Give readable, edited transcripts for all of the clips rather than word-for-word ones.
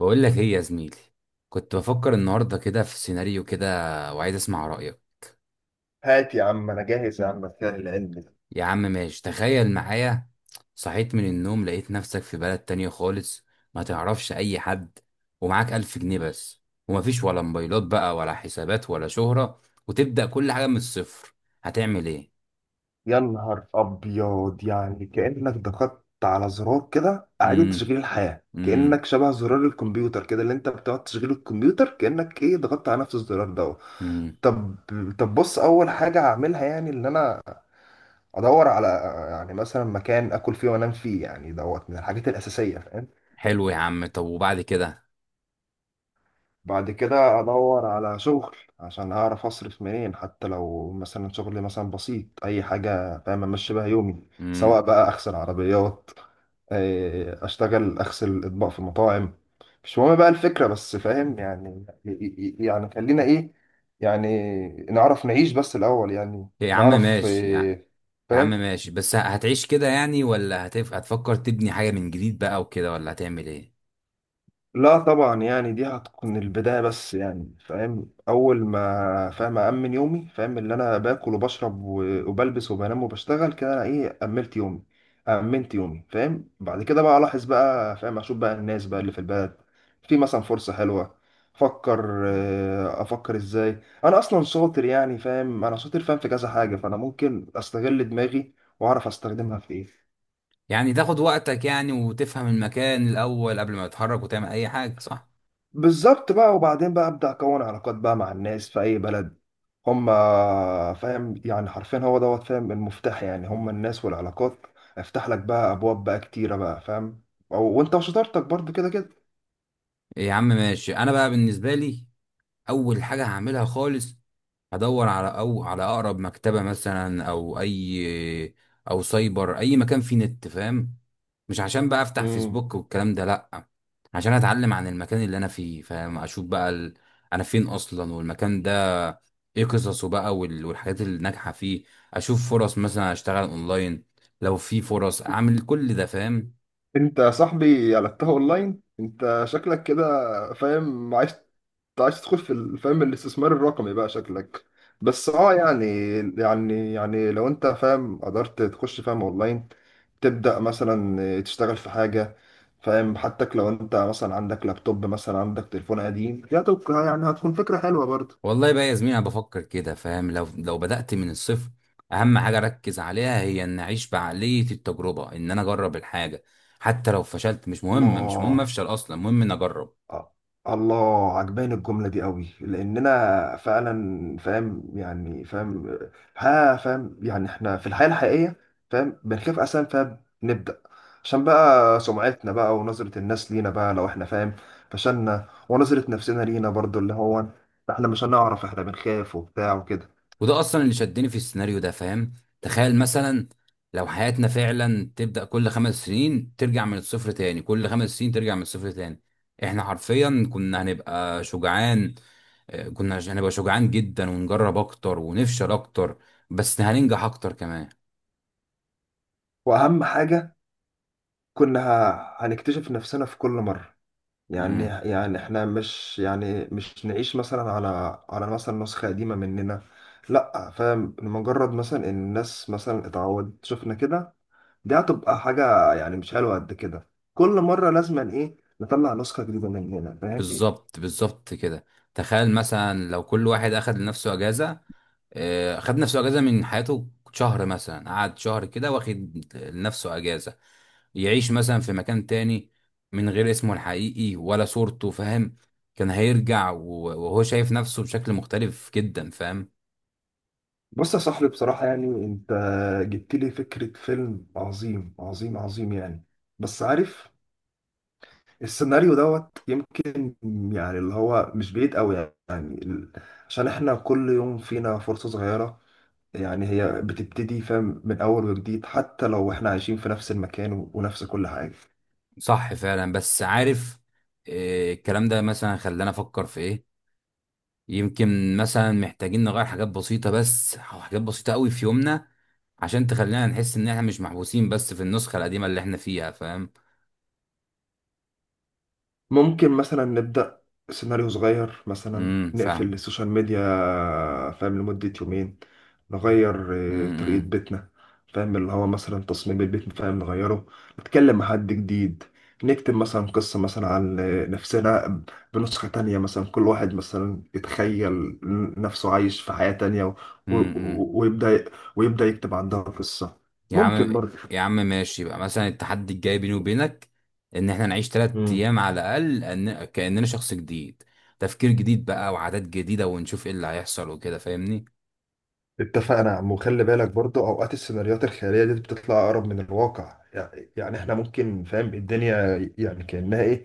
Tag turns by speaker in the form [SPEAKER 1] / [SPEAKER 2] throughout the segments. [SPEAKER 1] بقول لك ايه يا زميلي، كنت بفكر النهارده كده في سيناريو كده وعايز اسمع رأيك.
[SPEAKER 2] هات يا عم، انا جاهز يا عم بتاع العلم ده.
[SPEAKER 1] يا عم ماشي، تخيل معايا. صحيت من النوم لقيت نفسك في بلد تانية خالص، ما تعرفش اي حد، ومعاك 1000 جنيه بس، ومفيش ولا موبايلات بقى ولا حسابات ولا شهرة، وتبدأ كل حاجة من الصفر. هتعمل ايه؟
[SPEAKER 2] يا نهار ابيض، يعني كانك ضغطت على زرار كده اعاده
[SPEAKER 1] امم.
[SPEAKER 2] تشغيل الحياه،
[SPEAKER 1] امم.
[SPEAKER 2] كانك شبه زرار الكمبيوتر كده اللي انت بتقعد تشغيل الكمبيوتر، كانك ايه ضغطت على نفس الزرار ده.
[SPEAKER 1] امم.
[SPEAKER 2] طب طب بص، اول حاجه هعملها يعني ان انا ادور على، يعني مثلا مكان اكل فيه وانام فيه، يعني دوت من الحاجات الاساسيه.
[SPEAKER 1] حلو يا عم، طب وبعد كده؟
[SPEAKER 2] بعد كده ادور على شغل عشان اعرف اصرف منين، حتى لو مثلا شغل مثلا بسيط، اي حاجه فاهم امشي بيها يومي.
[SPEAKER 1] امم.
[SPEAKER 2] سواء بقى اغسل عربيات، اشتغل اغسل اطباق في المطاعم، مش مهم بقى الفكره بس فاهم. يعني يعني خلينا ايه، يعني نعرف نعيش بس الاول، يعني
[SPEAKER 1] يا عم
[SPEAKER 2] نعرف
[SPEAKER 1] ماشي يعني. يا عم
[SPEAKER 2] فاهم.
[SPEAKER 1] ماشي، بس هتعيش كده يعني، ولا هتفكر تبني حاجة من جديد بقى وكده، ولا هتعمل ايه؟
[SPEAKER 2] لا طبعا، يعني دي هتكون البداية بس، يعني فاهم أول ما فاهم أأمن يومي، فاهم اللي أنا باكل وبشرب وبلبس وبنام وبشتغل كده، أنا إيه أملت يومي، أمنت يومي فاهم. بعد كده بقى ألاحظ بقى، فاهم أشوف بقى الناس بقى اللي في البلد، في مثلا فرصة حلوة، أفكر، أفكر إزاي. أنا أصلا شاطر، يعني فاهم أنا شاطر فاهم في كذا حاجة، فأنا ممكن أستغل دماغي وأعرف أستخدمها في إيه.
[SPEAKER 1] يعني تاخد وقتك يعني وتفهم المكان الأول قبل ما تتحرك وتعمل أي حاجة، صح؟
[SPEAKER 2] بالظبط بقى. وبعدين بقى ابدا اكون علاقات بقى مع الناس في اي بلد، هم. فاهم يعني حرفيا هو دوت، فاهم المفتاح يعني هم الناس والعلاقات، افتح لك بقى ابواب بقى كتيره بقى فاهم. وانت وشطارتك برضو كده كده.
[SPEAKER 1] يا عم ماشي. أنا بقى بالنسبة لي، أول حاجة هعملها خالص، هدور على أو على أقرب مكتبة مثلا، أو أي، أو سايبر، أي مكان فيه نت فاهم. مش عشان بقى أفتح
[SPEAKER 2] مم.
[SPEAKER 1] فيسبوك والكلام ده، لأ. عشان أتعلم عن المكان اللي أنا فيه فاهم، أشوف بقى أنا فين أصلا، والمكان ده ايه قصصه بقى والحاجات اللي ناجحه فيه. اشوف فرص مثلا اشتغل اونلاين، لو في فرص اعمل كل ده فاهم.
[SPEAKER 2] انت يا صاحبي قلبتها اونلاين، انت شكلك كده فاهم عايز، عايز تدخل في فاهم الاستثمار الرقمي بقى شكلك. بس اه يعني، يعني لو انت فاهم قدرت تخش فاهم اونلاين، تبدأ مثلا تشتغل في حاجة، فاهم حتى لو انت مثلا عندك لابتوب مثلا عندك تليفون قديم، دي هتبقى- يعني هتكون فكرة حلوة برضه.
[SPEAKER 1] والله بقى يا زميلي، انا بفكر كده فاهم، لو بدات من الصفر، اهم حاجه اركز عليها هي ان اعيش بعقليه التجربه، ان انا اجرب الحاجه. حتى لو فشلت مش مهم، مش مهم
[SPEAKER 2] الله.
[SPEAKER 1] افشل، اصلا المهم ان اجرب.
[SPEAKER 2] آه. الله عجباني الجملة دي قوي، لأننا فعلا فاهم يعني فاهم. ها فاهم، يعني احنا في الحياة الحقيقية فاهم بنخاف أساسا فاهم نبدأ، عشان بقى سمعتنا بقى ونظرة الناس لينا بقى، لو احنا فاهم فشلنا، ونظرة نفسنا لينا برضو، اللي هو احنا مش هنعرف، احنا بنخاف وبتاع وكده.
[SPEAKER 1] وده اصلا اللي شدني في السيناريو ده فاهم. تخيل مثلا لو حياتنا فعلا تبدأ كل 5 سنين ترجع من الصفر تاني، كل 5 سنين ترجع من الصفر تاني، احنا حرفيا كنا هنبقى شجعان. آه، كنا هنبقى شجعان جدا ونجرب اكتر ونفشل اكتر، بس هننجح اكتر كمان.
[SPEAKER 2] وأهم حاجة، كنا هنكتشف نفسنا في كل مرة، يعني
[SPEAKER 1] امم.
[SPEAKER 2] احنا مش يعني مش نعيش مثلا على، على مثلا نسخة قديمة مننا، لا فاهم مجرد مثلا ان الناس مثلا اتعودت شفنا كده، دي هتبقى حاجة يعني مش حلوة قد كده. كل مرة لازم ايه نطلع نسخة جديدة مننا فاهم.
[SPEAKER 1] بالظبط بالظبط كده. تخيل مثلا لو كل واحد اخد لنفسه اجازة، آه، اخد نفسه اجازة من حياته، شهر مثلا، قعد شهر كده واخد لنفسه اجازة، يعيش مثلا في مكان تاني من غير اسمه الحقيقي ولا صورته فاهم. كان هيرجع وهو شايف نفسه بشكل مختلف جدا فاهم.
[SPEAKER 2] بص يا صاحبي، بصراحة يعني انت جبت لي فكرة فيلم عظيم عظيم عظيم يعني، بس عارف السيناريو دوت يمكن، يعني اللي هو مش بعيد قوي، يعني عشان احنا كل يوم فينا فرصة صغيرة، يعني هي بتبتدي فاهم من اول وجديد، حتى لو احنا عايشين في نفس المكان ونفس كل حاجة.
[SPEAKER 1] صح فعلا، بس عارف، آه، الكلام ده مثلا خلانا افكر في ايه. يمكن مثلا محتاجين نغير حاجات بسيطة بس، أو حاجات بسيطة قوي في يومنا، عشان تخلينا نحس ان احنا مش محبوسين بس في النسخة القديمة اللي احنا فيها فاهم.
[SPEAKER 2] ممكن مثلا نبدأ سيناريو صغير، مثلا
[SPEAKER 1] فاهم.
[SPEAKER 2] نقفل السوشيال ميديا فاهم لمدة يومين، نغير طريقة
[SPEAKER 1] امم.
[SPEAKER 2] بيتنا، فاهم اللي هو مثلا تصميم البيت فاهم نغيره، نتكلم مع حد جديد، نكتب مثلا قصة مثلا عن نفسنا بنسخة تانية، مثلا كل واحد مثلا يتخيل نفسه عايش في حياة تانية
[SPEAKER 1] امم، امم.
[SPEAKER 2] ويبدأ، يكتب عندها قصة
[SPEAKER 1] يا عم.
[SPEAKER 2] ممكن
[SPEAKER 1] يا عم ماشي بقى، مثلا التحدي الجاي بيني وبينك ان احنا نعيش تلات
[SPEAKER 2] برضه.
[SPEAKER 1] ايام على الاقل، كاننا شخص جديد، تفكير جديد بقى وعادات جديده، ونشوف ايه اللي هيحصل وكده فاهمني.
[SPEAKER 2] اتفقنا يا عم. وخلي بالك برضه اوقات السيناريوهات الخياليه دي بتطلع اقرب من الواقع، يعني احنا ممكن فاهم الدنيا، يعني كانها ايه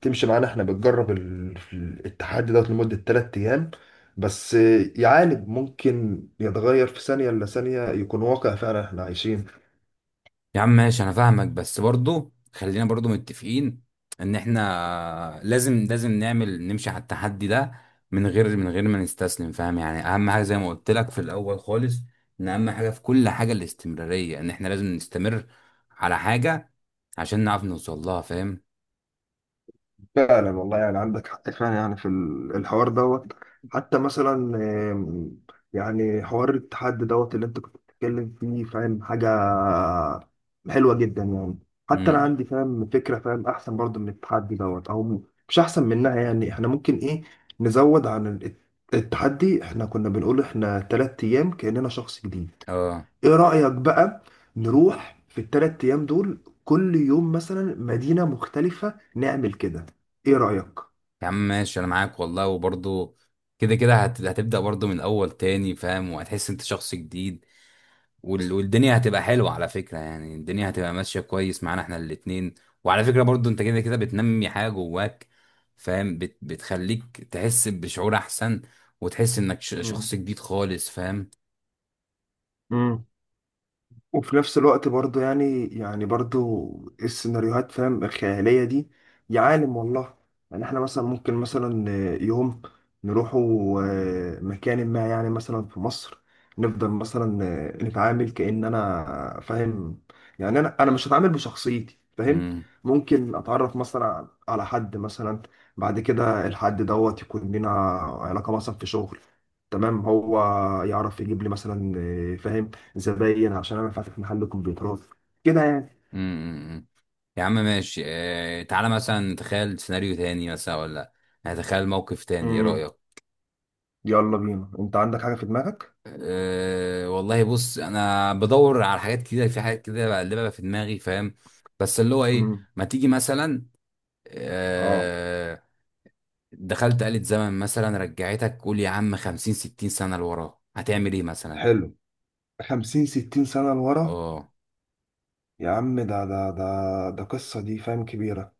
[SPEAKER 2] تمشي معانا، احنا بنجرب التحدي دوت لمده ثلاث ايام بس، يعالج ممكن يتغير في ثانيه الا ثانيه، يكون واقع فعلا احنا عايشين.
[SPEAKER 1] يا عم ماشي، انا فاهمك، بس برضو خلينا برضو متفقين ان احنا لازم نعمل نمشي على التحدي ده، من غير ما نستسلم فاهم يعني. اهم حاجه زي ما قلت لك في الاول خالص، ان اهم حاجه في كل حاجه الاستمراريه، ان احنا لازم نستمر على حاجه عشان نعرف نوصل لها فاهم.
[SPEAKER 2] فعلا والله، يعني عندك حق فعلا، يعني في الحوار دوت. حتى مثلا، آم، يعني حوار التحدي دوت اللي انت كنت بتتكلم فيه فاهم حاجة حلوة جدا يعني. حتى انا
[SPEAKER 1] امم.
[SPEAKER 2] عندي فاهم فكرة فاهم احسن برضو من التحدي دوت، او مش احسن منها، يعني احنا ممكن ايه نزود عن التحدي، احنا كنا بنقول احنا تلات ايام كأننا شخص جديد.
[SPEAKER 1] اه.
[SPEAKER 2] ايه رأيك بقى نروح في الثلاث ايام دول كل يوم مثلا مدينة مختلفة نعمل كده؟ ايه رأيك؟
[SPEAKER 1] يا عم ماشي، انا معاك والله. وبرضه كده كده هتبدأ برضه من الاول تاني فاهم، وهتحس انت شخص جديد، والدنيا هتبقى حلوة على فكرة. يعني الدنيا هتبقى ماشية كويس معانا احنا الاتنين. وعلى فكرة برضه، انت كده كده بتنمي حاجة جواك فاهم، بتخليك تحس بشعور احسن، وتحس انك
[SPEAKER 2] مم.
[SPEAKER 1] شخص جديد خالص فاهم.
[SPEAKER 2] مم. وفي نفس الوقت برضو، يعني برضو السيناريوهات فاهم الخيالية دي، يا عالم والله، يعني احنا مثلا ممكن مثلا يوم نروحوا مكان ما، يعني مثلا في مصر، نفضل مثلا نتعامل كأن انا فاهم، يعني انا مش هتعامل بشخصيتي فاهم،
[SPEAKER 1] امم.
[SPEAKER 2] ممكن اتعرف مثلا على حد مثلا، بعد كده الحد دوت يكون لنا علاقة مثلا في شغل، تمام، هو يعرف يجيب لي مثلا فاهم زباين عشان انا فاتح محل كمبيوترات كده يعني.
[SPEAKER 1] امم. يا عم ماشي، تعالى مثلا تخيل سيناريو تاني مثلا، ولا هتخيل موقف تاني، ايه
[SPEAKER 2] امم،
[SPEAKER 1] رأيك؟
[SPEAKER 2] يلا بينا انت عندك حاجة في دماغك؟
[SPEAKER 1] أه والله، بص انا بدور على حاجات كده، في حاجات كده بقلبها في دماغي فاهم، بس اللي هو ايه،
[SPEAKER 2] امم،
[SPEAKER 1] ما تيجي مثلا.
[SPEAKER 2] اه.
[SPEAKER 1] أه، دخلت آلة زمن مثلا رجعتك، قول يا عم 50 60 سنة لورا، هتعمل ايه مثلا؟
[SPEAKER 2] حلو، 50 60 سنة لورا.
[SPEAKER 1] اه.
[SPEAKER 2] يا عم ده قصة دي فاهم كبيرة.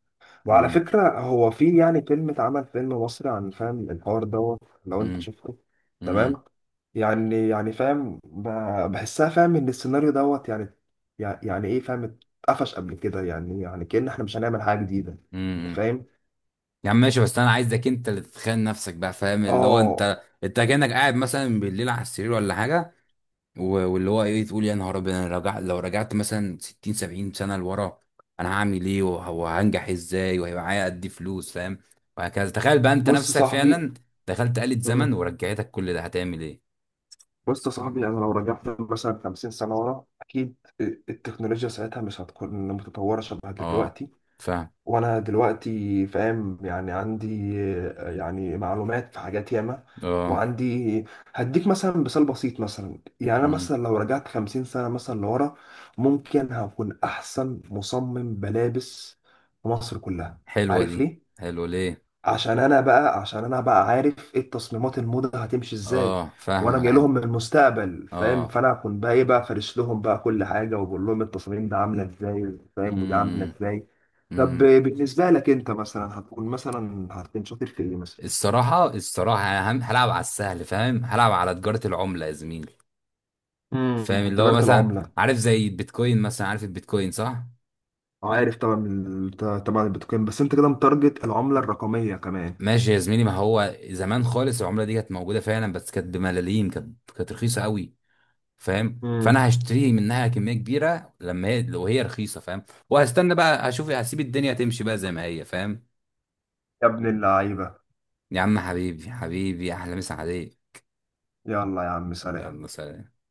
[SPEAKER 2] وعلى
[SPEAKER 1] امم.
[SPEAKER 2] فكرة هو في يعني فيلم اتعمل فيلم مصري عن فاهم الحوار دوت لو انت
[SPEAKER 1] امم.
[SPEAKER 2] شفته،
[SPEAKER 1] امم.
[SPEAKER 2] تمام. يعني فاهم بحسها فاهم ان السيناريو دوت يعني، يعني ايه فاهم اتقفش قبل كده، يعني كأن احنا مش هنعمل حاجة جديدة، انت
[SPEAKER 1] امم.
[SPEAKER 2] فاهم.
[SPEAKER 1] يا عم ماشي، بس انا عايزك انت اللي تتخيل نفسك بقى فاهم، اللي هو
[SPEAKER 2] اه.
[SPEAKER 1] انت كأنك قاعد مثلا بالليل على السرير ولا حاجة، واللي هو ايه، تقول يا نهار ابيض، انا رجع. لو رجعت مثلا 60 70 سنه لورا، انا هعمل ايه وهنجح ازاي، وهيبقى معايا قد ايه فلوس فاهم، وهكذا. تخيل بقى انت
[SPEAKER 2] بص يا
[SPEAKER 1] نفسك
[SPEAKER 2] صاحبي
[SPEAKER 1] فعلا دخلت آلة زمن
[SPEAKER 2] امم.
[SPEAKER 1] ورجعتك، كل ده هتعمل ايه؟
[SPEAKER 2] بص يا صاحبي، انا لو رجعت مثلا 50 سنه ورا، اكيد التكنولوجيا ساعتها مش هتكون متطوره شبه
[SPEAKER 1] اه
[SPEAKER 2] دلوقتي،
[SPEAKER 1] فاهم.
[SPEAKER 2] وانا دلوقتي فاهم يعني عندي يعني معلومات في حاجات ياما،
[SPEAKER 1] اه.
[SPEAKER 2] وعندي هديك مثلا مثال بسيط مثلا، يعني انا
[SPEAKER 1] امم.
[SPEAKER 2] مثلا لو رجعت 50 سنه مثلا لورا، ممكن هكون احسن مصمم ملابس في مصر كلها.
[SPEAKER 1] حلوه
[SPEAKER 2] عارف
[SPEAKER 1] دي.
[SPEAKER 2] ليه؟
[SPEAKER 1] حلوه ليه؟
[SPEAKER 2] عشان انا بقى عارف ايه التصميمات، الموضه هتمشي ازاي،
[SPEAKER 1] اه،
[SPEAKER 2] وانا
[SPEAKER 1] فاهمك.
[SPEAKER 2] جاي
[SPEAKER 1] عن
[SPEAKER 2] لهم من المستقبل فاهم،
[SPEAKER 1] اه
[SPEAKER 2] فانا اكون بقى ايه بقى فارش لهم بقى كل حاجه، وبقول لهم التصاميم ده عامله ازاي فاهم وده عامله
[SPEAKER 1] امم.
[SPEAKER 2] ازاي. طب
[SPEAKER 1] امم.
[SPEAKER 2] بالنسبه لك انت مثلا هتكون مثلا هتكون شاطر في ايه مثلا؟
[SPEAKER 1] الصراحه الصراحه، انا هلعب على السهل فاهم، هلعب على تجاره العمله يا زميلي. فاهم
[SPEAKER 2] امم،
[SPEAKER 1] اللي هو
[SPEAKER 2] تجاره
[SPEAKER 1] مثلا،
[SPEAKER 2] العمله.
[SPEAKER 1] عارف زي البيتكوين مثلا، عارف البيتكوين صح؟
[SPEAKER 2] عارف طبعا طبعا البيتكوين، بس انت كده متارجت العمله الرقميه كمان.
[SPEAKER 1] ماشي يا زميلي. ما هو زمان خالص العمله دي كانت موجوده فعلا، بس كانت بملاليم، كانت رخيصه قوي فاهم.
[SPEAKER 2] امم.
[SPEAKER 1] فانا هشتري منها كميه كبيره لما هي، لو هي رخيصه فاهم. وهستنى بقى هشوف، هسيب الدنيا تمشي بقى زي ما هي فاهم.
[SPEAKER 2] يا ابن اللعيبه.
[SPEAKER 1] يا عم حبيبي، حبيبي، احلى مسا عليك.
[SPEAKER 2] يلا يا عم
[SPEAKER 1] يلا
[SPEAKER 2] سلام.
[SPEAKER 1] سلام.